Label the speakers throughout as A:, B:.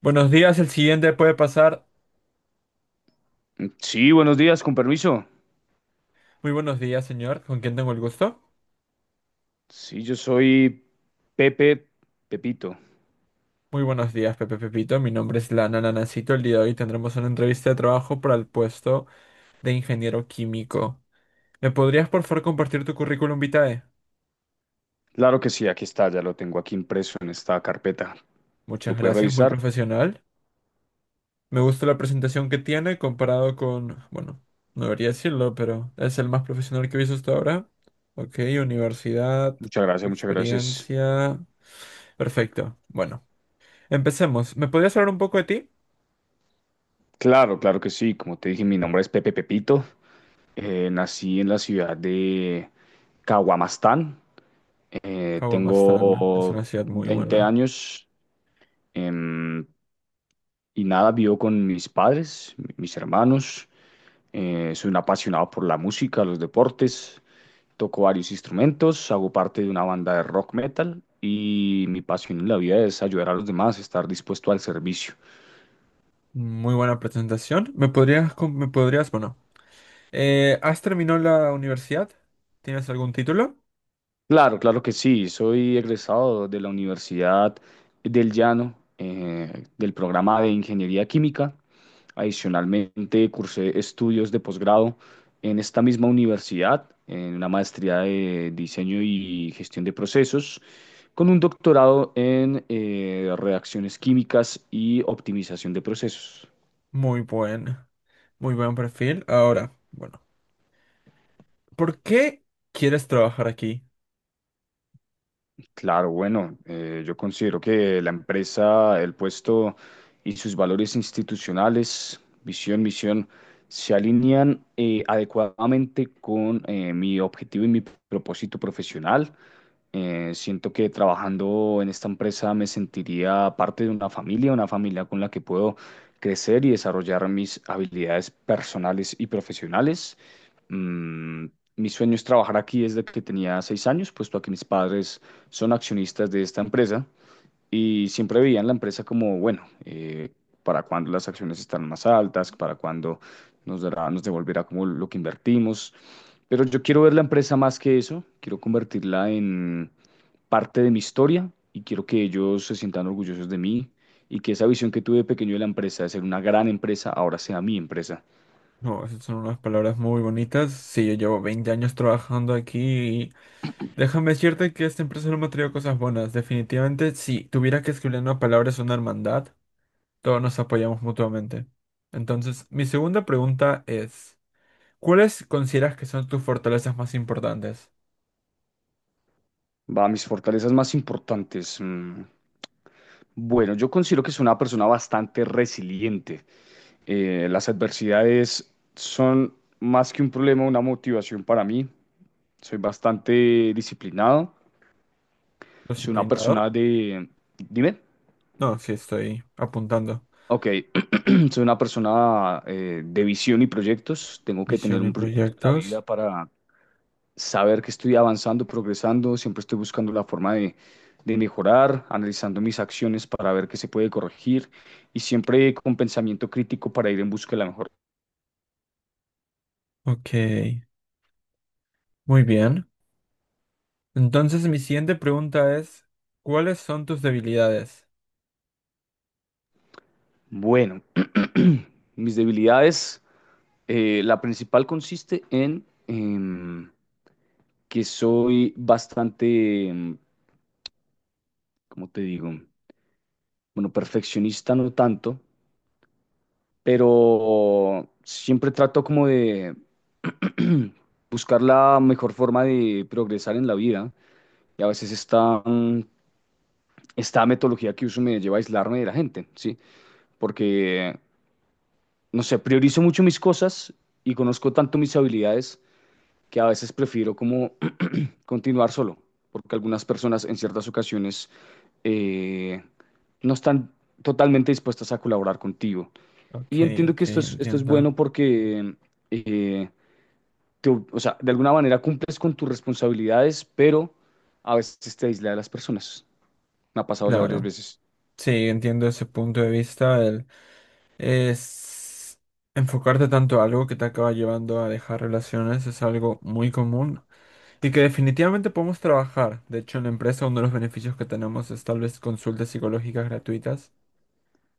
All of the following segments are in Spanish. A: Buenos días, el siguiente puede pasar.
B: Sí, buenos días, con permiso.
A: Muy buenos días, señor. ¿Con quién tengo el gusto?
B: Sí, yo soy Pepe Pepito.
A: Muy buenos días, Pepe Pepito. Mi nombre es Lana Nanacito. El día de hoy tendremos una entrevista de trabajo para el puesto de ingeniero químico. ¿Me podrías, por favor, compartir tu currículum vitae?
B: Claro que sí, aquí está, ya lo tengo aquí impreso en esta carpeta. ¿Lo
A: Muchas
B: puedes
A: gracias, muy
B: revisar?
A: profesional. Me gusta la presentación que tiene comparado con, bueno, no debería decirlo, pero es el más profesional que he visto hasta ahora. Ok, universidad,
B: Muchas gracias, muchas gracias.
A: experiencia. Perfecto. Bueno, empecemos. ¿Me podrías hablar un poco de ti?
B: Claro, claro que sí. Como te dije, mi nombre es Pepe Pepito. Nací en la ciudad de Caguamastán.
A: Kawamastan es
B: Tengo
A: una ciudad muy
B: 20
A: buena.
B: años, em, y nada, vivo con mis padres, mis hermanos. Soy un apasionado por la música, los deportes. Toco varios instrumentos, hago parte de una banda de rock metal y mi pasión en la vida es ayudar a los demás, estar dispuesto al servicio.
A: Muy buena presentación. ¿Me podrías, me podrías, bueno, has terminado la universidad? ¿Tienes algún título?
B: Claro, claro que sí, soy egresado de la Universidad del Llano, del programa de Ingeniería Química. Adicionalmente, cursé estudios de posgrado en esta misma universidad, en una maestría de diseño y gestión de procesos con un doctorado en reacciones químicas y optimización de procesos.
A: Muy buen, muy buen perfil. Ahora, bueno, ¿por qué quieres trabajar aquí?
B: Claro, bueno, yo considero que la empresa, el puesto y sus valores institucionales, visión, misión, se alinean adecuadamente con mi objetivo y mi propósito profesional. Siento que trabajando en esta empresa me sentiría parte de una familia con la que puedo crecer y desarrollar mis habilidades personales y profesionales. Mm, Mi sueño es trabajar aquí desde que tenía 6 años, puesto a que mis padres son accionistas de esta empresa y siempre veían la empresa como, bueno, para cuando las acciones están más altas, para cuando nos devolverá como lo que invertimos. Pero yo quiero ver la empresa más que eso, quiero convertirla en parte de mi historia y quiero que ellos se sientan orgullosos de mí y que esa visión que tuve de pequeño de la empresa, de ser una gran empresa, ahora sea mi empresa.
A: No, esas son unas palabras muy bonitas. Sí, yo llevo 20 años trabajando aquí y déjame decirte que esta empresa no me ha traído cosas buenas. Definitivamente, si tuviera que escribir en una palabra es una hermandad. Todos nos apoyamos mutuamente. Entonces, mi segunda pregunta es, ¿cuáles consideras que son tus fortalezas más importantes?
B: Va, mis fortalezas más importantes. Mm. Bueno, yo considero que soy una persona bastante resiliente. Las adversidades son más que un problema, una motivación para mí. Soy bastante disciplinado. Soy una
A: ¿Disciplinado?
B: persona de... Dime.
A: No, sí, estoy apuntando.
B: Ok, soy una persona de visión y proyectos. Tengo que tener
A: Visión y
B: un proyecto en la vida
A: proyectos.
B: para saber que estoy avanzando, progresando, siempre estoy buscando la forma de mejorar, analizando mis acciones para ver qué se puede corregir y siempre con pensamiento crítico para ir en busca de la mejor.
A: Ok, muy bien. Entonces, mi siguiente pregunta es, ¿cuáles son tus debilidades?
B: Bueno, mis debilidades, la principal consiste en que soy bastante, ¿cómo te digo? Bueno, perfeccionista no tanto, pero siempre trato como de buscar la mejor forma de progresar en la vida y a veces esta metodología que uso me lleva a aislarme de la gente, ¿sí? Porque, no sé, priorizo mucho mis cosas y conozco tanto mis habilidades que a veces prefiero como continuar solo, porque algunas personas en ciertas ocasiones eh, no están totalmente dispuestas a colaborar contigo.
A: Ok,
B: Y entiendo que
A: ok,
B: esto es bueno
A: entiendo.
B: porque, eh, o sea, de alguna manera cumples con tus responsabilidades, pero a veces te aísla de las personas. Me ha pasado ya varias
A: Claro.
B: veces.
A: Sí, entiendo ese punto de vista. El, es enfocarte tanto a algo que te acaba llevando a dejar relaciones es algo muy común. Y que definitivamente podemos trabajar. De hecho, en la empresa uno de los beneficios que tenemos es tal vez consultas psicológicas gratuitas.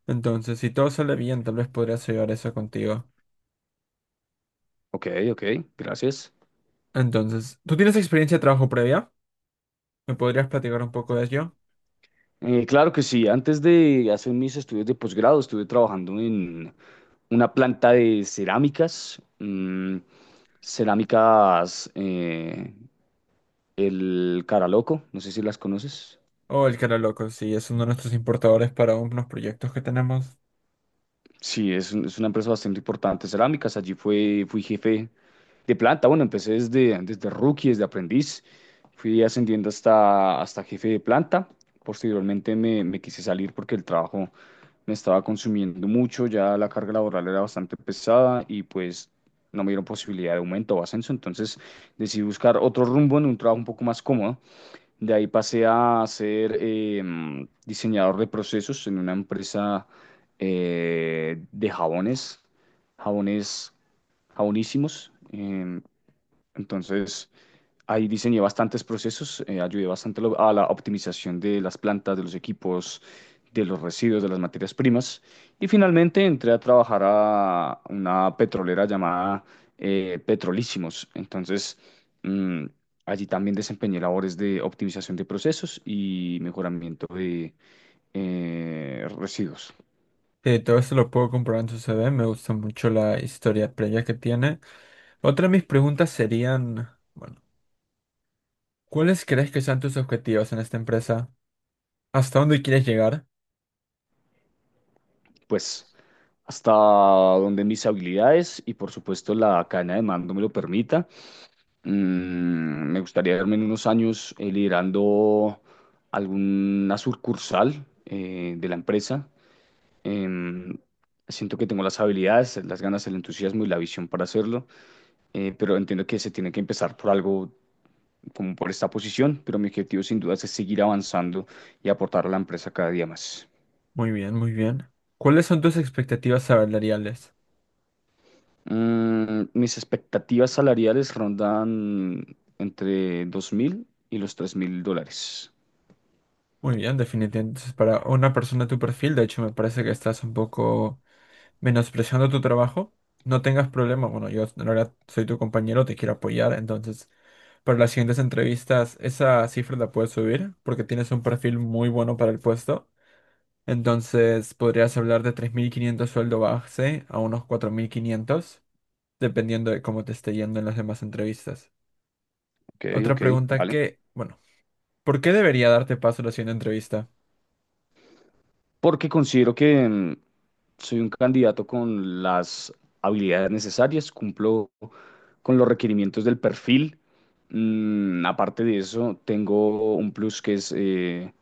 A: Entonces, si todo sale bien, tal vez podrías llevar eso contigo.
B: Ok, ok, gracias.
A: Entonces, ¿tú tienes experiencia de trabajo previa? ¿Me podrías platicar un poco de ello?
B: Claro que sí, antes de hacer mis estudios de posgrado estuve trabajando en una planta de cerámicas, el Caraloco, no sé si las conoces.
A: O el que era loco, sí, es uno de nuestros importadores para unos proyectos que tenemos.
B: Sí, es una empresa bastante importante, cerámicas. Allí fui jefe de planta. Bueno, empecé desde rookie, desde aprendiz. Fui ascendiendo hasta jefe de planta. Posteriormente me quise salir porque el trabajo me estaba consumiendo mucho, ya la carga laboral era bastante pesada y pues no me dieron posibilidad de aumento o ascenso, entonces decidí buscar otro rumbo en un trabajo un poco más cómodo. De ahí pasé a ser diseñador de procesos en una empresa de jabones jabonísimos. Entonces, ahí diseñé bastantes procesos, ayudé bastante a a la optimización de las plantas, de los equipos, de los residuos, de las materias primas. Y finalmente entré a trabajar a una petrolera llamada Petrolísimos. Entonces, mm, allí también desempeñé labores de optimización de procesos y mejoramiento de residuos.
A: Todo eso lo puedo comprobar en su CV. Me gusta mucho la historia previa que tiene. Otra de mis preguntas serían, bueno, ¿cuáles crees que sean tus objetivos en esta empresa? ¿Hasta dónde quieres llegar?
B: Pues hasta donde mis habilidades y por supuesto la cadena de mando me lo permita. Me gustaría verme en unos años liderando alguna sucursal de la empresa. Em, Siento que tengo las habilidades, las ganas, el entusiasmo y la visión para hacerlo, pero entiendo que se tiene que empezar por algo como por esta posición, pero mi objetivo sin duda es seguir avanzando y aportar a la empresa cada día más.
A: Muy bien, muy bien. ¿Cuáles son tus expectativas salariales?
B: Mis expectativas salariales rondan entre 2.000 y los 3.000 dólares.
A: Muy bien, definitivamente. Entonces, para una persona de tu perfil, de hecho, me parece que estás un poco menospreciando tu trabajo. No tengas problema. Bueno, yo en realidad soy tu compañero, te quiero apoyar. Entonces, para las siguientes entrevistas, esa cifra la puedes subir porque tienes un perfil muy bueno para el puesto. Entonces, podrías hablar de 3500 sueldo base a unos 4500 dependiendo de cómo te esté yendo en las demás entrevistas.
B: Ok,
A: Otra
B: ok,
A: pregunta
B: vale.
A: que, bueno, ¿por qué debería darte paso a la siguiente entrevista?
B: Porque considero que soy un candidato con las habilidades necesarias, cumplo con los requerimientos del perfil. Aparte de eso, tengo un plus que es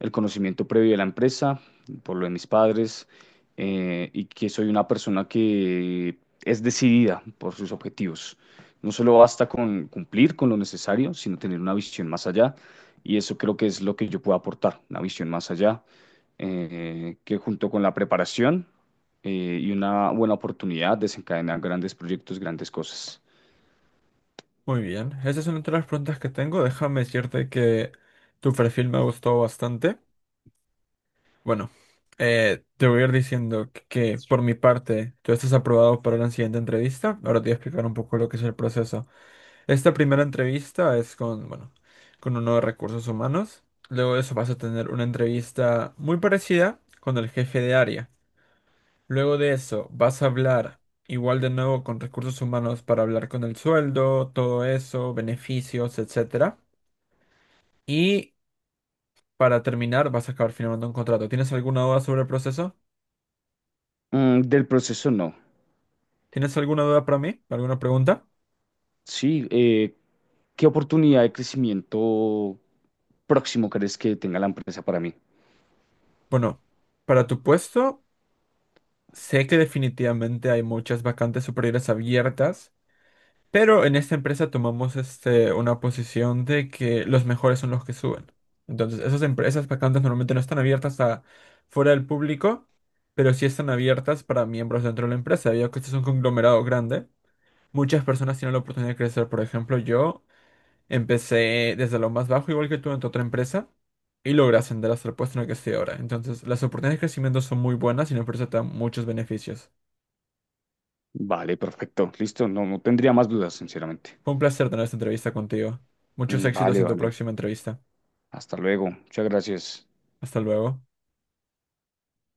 B: el conocimiento previo de la empresa, por lo de mis padres, y que soy una persona que es decidida por sus objetivos. No solo basta con cumplir con lo necesario, sino tener una visión más allá, y eso creo que es lo que yo puedo aportar, una visión más allá que junto con la preparación y una buena oportunidad desencadenan grandes proyectos, grandes cosas.
A: Muy bien, esa es una de las preguntas que tengo. Déjame decirte que tu perfil me ha gustado bastante. Bueno, te voy a ir diciendo que por mi parte tú estás aprobado para la siguiente entrevista. Ahora te voy a explicar un poco lo que es el proceso. Esta primera entrevista es con, bueno, con uno de recursos humanos. Luego de eso vas a tener una entrevista muy parecida con el jefe de área. Luego de eso, vas a hablar igual de nuevo con recursos humanos para hablar con el sueldo, todo eso, beneficios, etcétera. Y para terminar, vas a acabar firmando un contrato. ¿Tienes alguna duda sobre el proceso?
B: Del proceso no.
A: ¿Tienes alguna duda para mí? ¿Alguna pregunta?
B: Sí, ¿qué oportunidad de crecimiento próximo crees que tenga la empresa para mí?
A: Bueno, para tu puesto, sé que definitivamente hay muchas vacantes superiores abiertas. Pero en esta empresa tomamos este, una posición de que los mejores son los que suben. Entonces, esas empresas vacantes normalmente no están abiertas a fuera del público, pero sí están abiertas para miembros dentro de la empresa. Debido a que este es un conglomerado grande, muchas personas tienen la oportunidad de crecer. Por ejemplo, yo empecé desde lo más bajo, igual que tú, en tu otra empresa, y logré ascender hasta el puesto en el que estoy ahora. Entonces, las oportunidades de crecimiento son muy buenas y la empresa te da muchos beneficios.
B: Vale, perfecto. Listo, no tendría más dudas, sinceramente.
A: Fue un placer tener esta entrevista contigo. Muchos éxitos
B: Vale,
A: en tu
B: vale.
A: próxima entrevista.
B: Hasta luego. Muchas gracias.
A: Hasta luego.